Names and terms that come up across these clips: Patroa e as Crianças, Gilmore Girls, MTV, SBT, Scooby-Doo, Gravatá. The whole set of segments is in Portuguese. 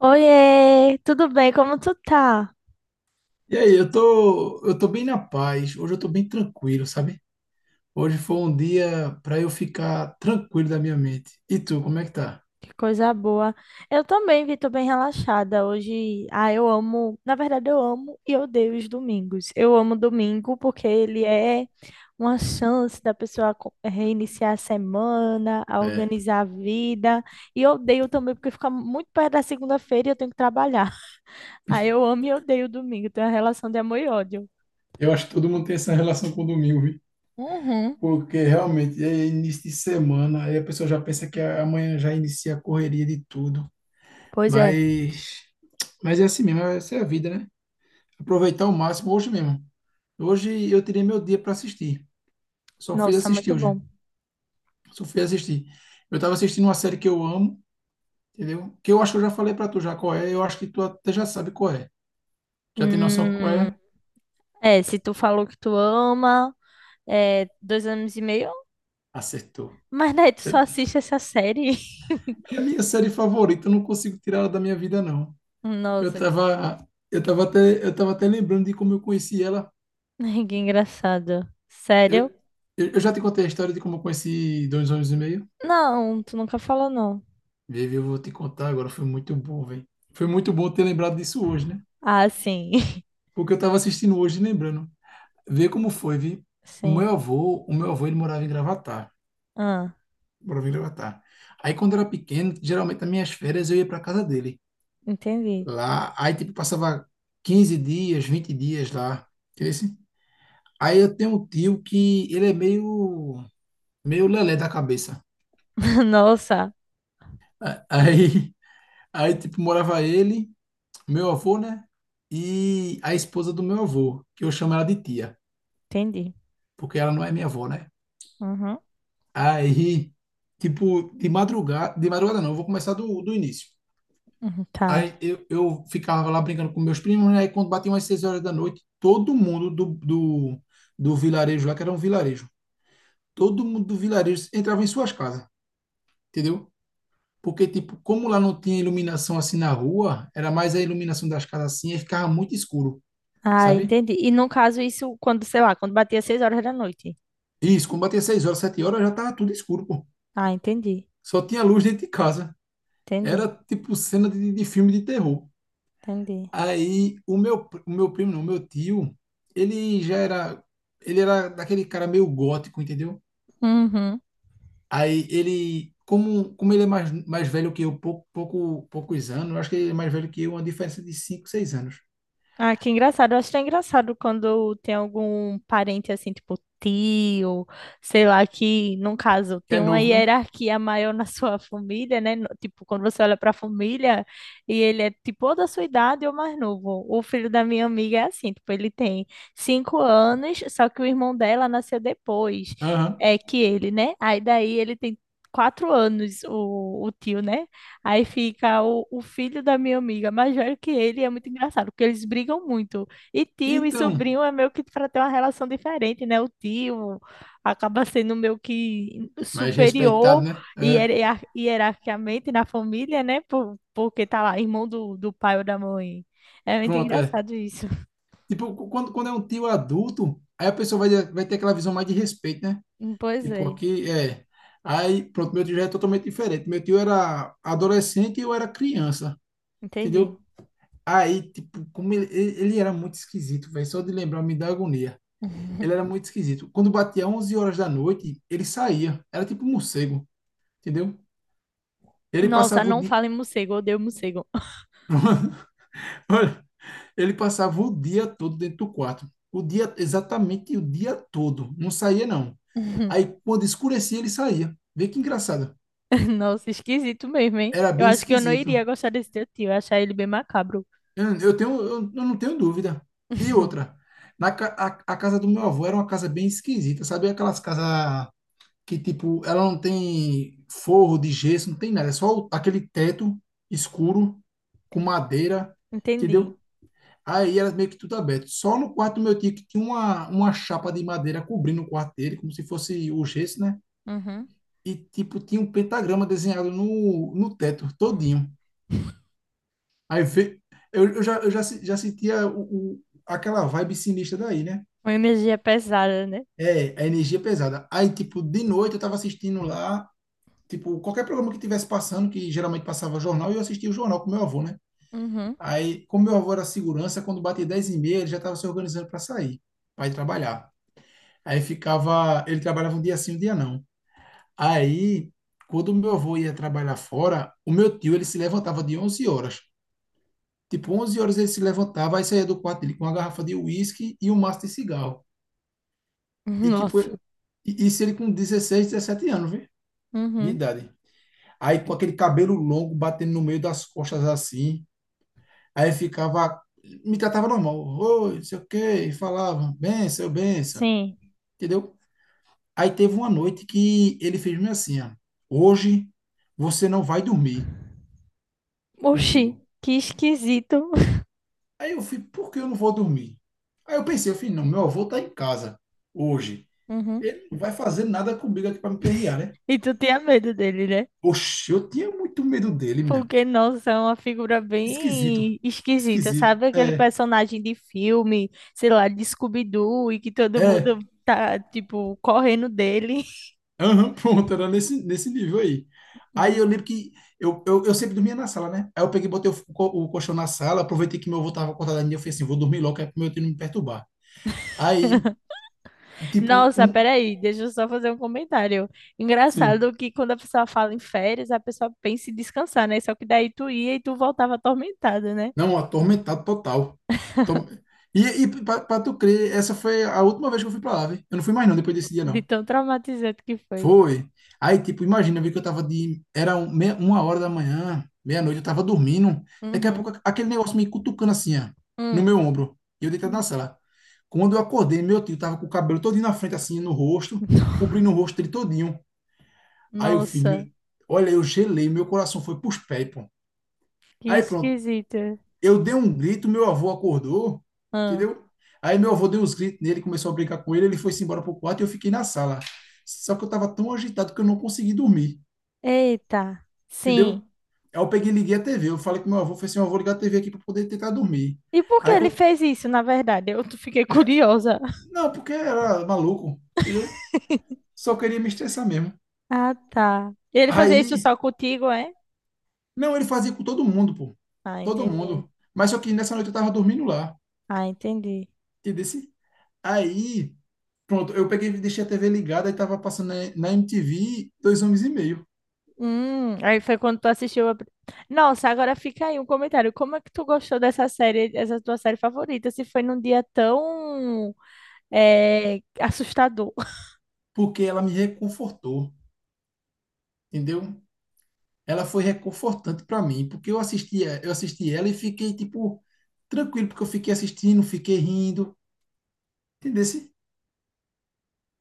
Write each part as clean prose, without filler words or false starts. Oiê, tudo bem? Como tu tá? E aí, eu tô bem na paz. Hoje eu tô bem tranquilo, sabe? Hoje foi um dia para eu ficar tranquilo da minha mente. E tu, como é que tá? Que coisa boa. Eu também, vi, tô bem relaxada hoje. Ah, eu amo, na verdade eu amo e odeio os domingos. Eu amo domingo porque ele é uma chance da pessoa reiniciar a semana, a É. organizar a vida. E odeio também porque fica muito perto da segunda-feira e eu tenho que trabalhar. Ah, eu amo e odeio o domingo. Tem uma relação de amor e ódio. Eu acho que todo mundo tem essa relação com o domingo, viu? Uhum. Porque realmente é início de semana, aí a pessoa já pensa que amanhã já inicia a correria de tudo. Pois é. Mas, mas é assim mesmo, essa é a vida, né? Aproveitar o máximo hoje mesmo. Hoje eu tirei meu dia para assistir. Só fui Nossa, assistir muito hoje. bom. Só fui assistir. Eu estava assistindo uma série que eu amo, entendeu? Que eu acho que eu já falei para tu já qual é, eu acho que tu até já sabe qual é. Já tem noção qual Hum. é? É, se tu falou que tu ama, é, dois anos e meio, Acertou. mas daí tu só Eu- assiste essa série. É a minha série favorita, eu não consigo tirar ela da minha vida, não. Eu Nossa, que, tava, eu tava até, eu tava até lembrando de como eu conheci ela. que engraçado. Eu, Sério? eu já te contei a história de como eu conheci dois anos e meio. Não, tu nunca falou não. Vivi, eu vou te contar agora, foi muito bom, velho. Foi muito bom ter lembrado disso hoje, né? Ah, sim. Porque eu tava assistindo hoje e lembrando. Vê como foi, vi. O meu Sim. avô, o meu avô, ele morava em Gravatá. Ah, Bora vir Avatar. Aí quando eu era pequeno, geralmente nas minhas férias eu ia para casa dele. entendi. Lá, aí tipo passava 15 dias, 20 dias lá. Entendeu? Assim, aí eu tenho um tio que ele é meio lelé da cabeça. Nossa, Aí aí tipo morava ele, meu avô, né? E a esposa do meu avô, que eu chamo ela de tia, entendi. porque ela não é minha avó, né? Uhum. Aí tipo de madrugada não, eu vou começar do início. Uhum, tá. Aí eu ficava lá brincando com meus primos, né? Aí quando batiam as 6 horas da noite, todo mundo do vilarejo lá, que era um vilarejo, todo mundo do vilarejo entrava em suas casas, entendeu? Porque, tipo, como lá não tinha iluminação assim na rua, era mais a iluminação das casas assim, aí ficava muito escuro, Ah, sabe? entendi. E no caso, isso quando, sei lá, quando batia 6 horas da noite. Isso, quando batia seis horas, sete horas, já tava tudo escuro, pô. Ah, entendi. Só tinha luz dentro de casa. Entendi. Era, tipo, cena de filme de terror. Entendi. Aí o meu primo, não, o meu tio, ele já era, ele era daquele cara meio gótico, entendeu? Uhum. Aí ele, como ele é mais velho que eu, poucos anos, eu acho que ele é mais velho que eu, uma diferença de cinco seis anos. Ah, que engraçado. Eu acho tão engraçado quando tem algum parente assim, tipo tio, sei lá, que, num caso, Que tem é uma novo, né? hierarquia maior na sua família, né? Tipo, quando você olha para a família e ele é tipo ou da sua idade ou mais novo. O filho da minha amiga é assim, tipo, ele tem 5 anos, só que o irmão dela nasceu depois, Aham. é que ele, né? Aí daí ele tem 4 anos, o tio, né? Aí fica o filho da minha amiga, mais velho que ele, e é muito engraçado, porque eles brigam muito. E tio e Então, sobrinho é meio que para ter uma relação diferente, né? O tio acaba sendo meio que mais respeitado, superior né? É, hierarquicamente na família, né? Porque tá lá, irmão do pai ou da mãe. É muito pronto, é. engraçado isso. Tipo, quando é um tio adulto, aí a pessoa vai, ter aquela visão mais de respeito, né? Pois Tipo, é, aqui é. Aí, pronto, meu tio já é totalmente diferente. Meu tio era adolescente e eu era criança, entendi. entendeu? Aí, tipo, como ele era muito esquisito, velho, só de lembrar me dá agonia. Ele era muito esquisito. Quando batia 11 horas da noite, ele saía. Era tipo um morcego, entendeu? Ele Nossa, passava o não dia, fale em morcego, eu odeio morcego. olha, ele passava o dia todo dentro do quarto. O dia, exatamente o dia todo. Não saía, não. Aí, quando escurecia, ele saía. Vê que engraçado. Nossa, esquisito mesmo, hein? Era Eu bem acho que eu não esquisito. iria gostar desse teu tio, eu ia achar ele bem macabro. Eu não tenho dúvida. E outra, na, ca- a, a casa do meu avô era uma casa bem esquisita, sabe? Aquelas casas que tipo, ela não tem forro de gesso, não tem nada, é só aquele teto escuro com madeira, Entendi. entendeu? Aí era meio que tudo aberto. Só no quarto do meu tio que tinha uma chapa de madeira cobrindo o quarto dele, como se fosse o gesso, né? Uhum. E tipo, tinha um pentagrama desenhado no teto todinho. Aí ve- eu já, se- já sentia aquela vibe sinistra daí, né? Uma energia pesada, né? É, a energia pesada. Aí, tipo, de noite eu tava assistindo lá, tipo, qualquer programa que tivesse passando, que geralmente passava jornal, eu assistia o jornal com meu avô, né? Uhum. Aí, como meu avô era segurança, quando batia 10 e meia, ele já estava se organizando para sair, para ir trabalhar. Aí ficava, ele trabalhava um dia sim, um dia não. Aí, quando meu avô ia trabalhar fora, o meu tio, ele se levantava de 11 horas. Tipo, 11 horas ele se levantava, aí saía do quarto dele com uma garrafa de uísque e um maço de cigarro. E tipo, Nossa. Isso ele com 16 17 anos, viu? De Uhum. idade. Aí com aquele cabelo longo batendo no meio das costas assim. Aí ficava, me tratava normal, oi, não sei o quê, e falava, benção, benção, Sim. entendeu? Aí teve uma noite que ele fez-me assim, ó, hoje você não vai dormir Oxi, comigo. que esquisito. Aí eu fui, por que eu não vou dormir? Aí eu pensei, eu falei, não, meu avô tá em casa hoje, Uhum. ele não vai fazer nada comigo aqui para me perrear, né? E tu tinha medo dele, né? Oxe, eu tinha muito medo dele, minha. Porque, nossa, é uma figura Esquisito, bem esquisita, esquisito, sabe? Aquele é, personagem de filme, sei lá, de Scooby-Doo, e que todo é. mundo tá, tipo, correndo dele. Aham, pronto, era nesse nível aí. Aí eu lembro que eu sempre dormia na sala, né? Aí eu peguei, botei o colchão na sala, aproveitei que meu avô tava acordado ainda, eu falei assim, vou dormir logo, que é pro meu tio não me perturbar. Aí, tipo, Nossa, um. peraí, deixa eu só fazer um comentário. Sim. Engraçado que quando a pessoa fala em férias, a pessoa pensa em descansar, né? Só que daí tu ia e tu voltava atormentada, né? Não, atormentado total. Tom- pra tu crer, essa foi a última vez que eu fui pra lá, velho. Eu não fui mais não, depois desse dia, De não. tão traumatizante que foi. Foi. Aí, tipo, imagina, eu vi que eu tava de. Era 1 hora da manhã, meia-noite, eu tava dormindo. Daqui a Uhum. pouco, aquele negócio me cutucando assim, ó, no meu Hum. ombro. E eu deitado na sala. Quando eu acordei, meu tio tava com o cabelo todinho na frente, assim, no rosto, cobrindo o rosto dele todinho. Aí eu fiz, meu. Nossa, Olha, eu gelei, meu coração foi pros pés, pô. que Aí pronto, esquisito. eu dei um grito, meu avô acordou, Ah. entendeu? Aí meu avô deu uns gritos nele, começou a brincar com ele, ele foi-se embora pro quarto e eu fiquei na sala. Só que eu tava tão agitado que eu não consegui dormir. Eita, Entendeu? sim. Aí eu peguei e liguei a TV. Eu falei com meu avô, falei assim, "Ó, eu vou ligar a TV aqui para poder tentar dormir." E por que Aí, ele fez isso, na verdade? Eu fiquei curiosa. não, porque era maluco, entendeu? Só queria me estressar mesmo. Ah, tá. Ele fazia isso Aí, só contigo, é? não, ele fazia com todo mundo, pô. Ah, Todo entendi. mundo. Mas só que nessa noite eu tava dormindo lá, Ah, entendi. entendeu? Aí, pronto, eu peguei e deixei a TV ligada e tava passando na MTV Dois Homens e Meio, Aí foi quando tu Nossa, agora fica aí um comentário. Como é que tu gostou dessa série, essa tua série favorita, se foi num dia tão assustador? porque ela me reconfortou, entendeu? Ela foi reconfortante para mim, porque eu assisti ela e fiquei, tipo, tranquilo, porque eu fiquei assistindo, fiquei rindo, entendeu?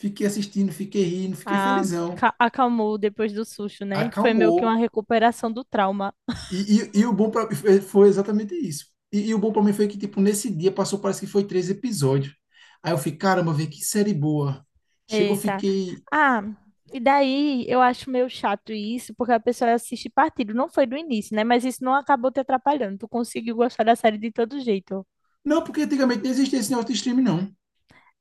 Fiquei assistindo, fiquei rindo, fiquei Ah, felizão, acalmou depois do susto, né? Foi meio que uma acalmou. recuperação do trauma. E, e o bom para mim foi exatamente isso. E o bom para mim foi que, tipo, nesse dia passou, parece que foi três episódios. Aí eu fiquei, caramba, vê que série boa. Chegou, Eita. fiquei. Ah, e daí eu acho meio chato isso, porque a pessoa assiste partido. Não foi do início, né? Mas isso não acabou te atrapalhando. Tu conseguiu gostar da série de todo jeito. Não, porque antigamente não existia esse negócio de streaming, não.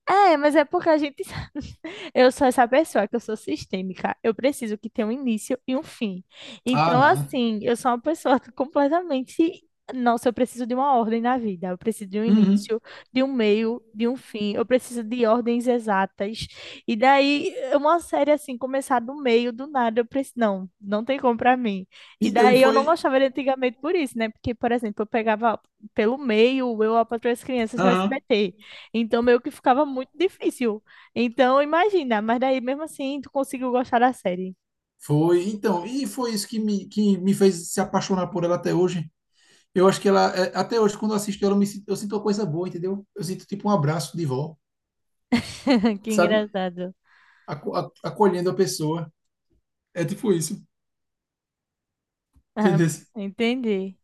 É, mas é porque a gente. Eu sou essa pessoa que eu sou sistêmica. Eu preciso que tenha um início e um fim. Ah, Então, não. assim, eu sou uma pessoa que completamente. Nossa, eu preciso de uma ordem na vida. Eu preciso de um Uhum. início, de um meio, de um fim. Eu preciso de ordens exatas. E daí, uma série assim, começar do meio, do nada, eu preciso. Não, não tem como pra mim. E Então, e daí, eu não foi. gostava de antigamente por isso, né? Porque, por exemplo, eu pegava pelo meio, eu, a Patroa e as Crianças no Aham. SBT. Então, meio que ficava muito difícil. Então, imagina, mas daí mesmo assim tu conseguiu gostar da série. Foi, então, e foi isso que me fez se apaixonar por ela até hoje. Eu acho que ela, é, até hoje, quando eu assisto ela, eu sinto uma coisa boa, entendeu? Eu sinto tipo um abraço de vó, Que sabe? engraçado. Acolhendo a pessoa. É tipo isso, Ah, entendeu? entendi.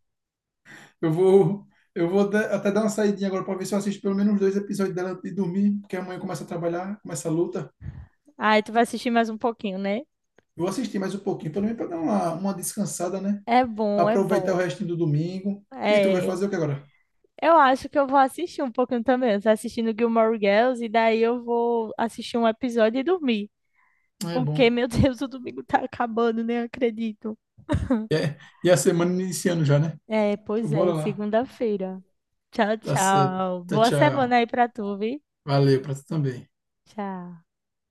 Eu vou, eu vou até dar uma saidinha agora para ver se eu assisto pelo menos dois episódios dela antes de dormir, porque amanhã começa a trabalhar, começa a luta. Aí tu vai assistir mais um pouquinho, né? Vou assistir mais um pouquinho, pelo menos para dar uma descansada, né? É bom, é Aproveitar o bom. restinho do domingo. E tu vai É. fazer o que agora? Eu acho que eu vou assistir um pouquinho também. Eu tô assistindo Gilmore Girls e daí eu vou assistir um episódio e dormir. É Porque, bom. meu Deus, o domingo tá acabando, nem acredito. E a semana iniciando já, né? É, Então, pois é, bora lá. segunda-feira. Tchau, Tá certo. tchau. Tá, Boa tchau. semana aí pra tu, viu? Valeu para tu também. Tchau.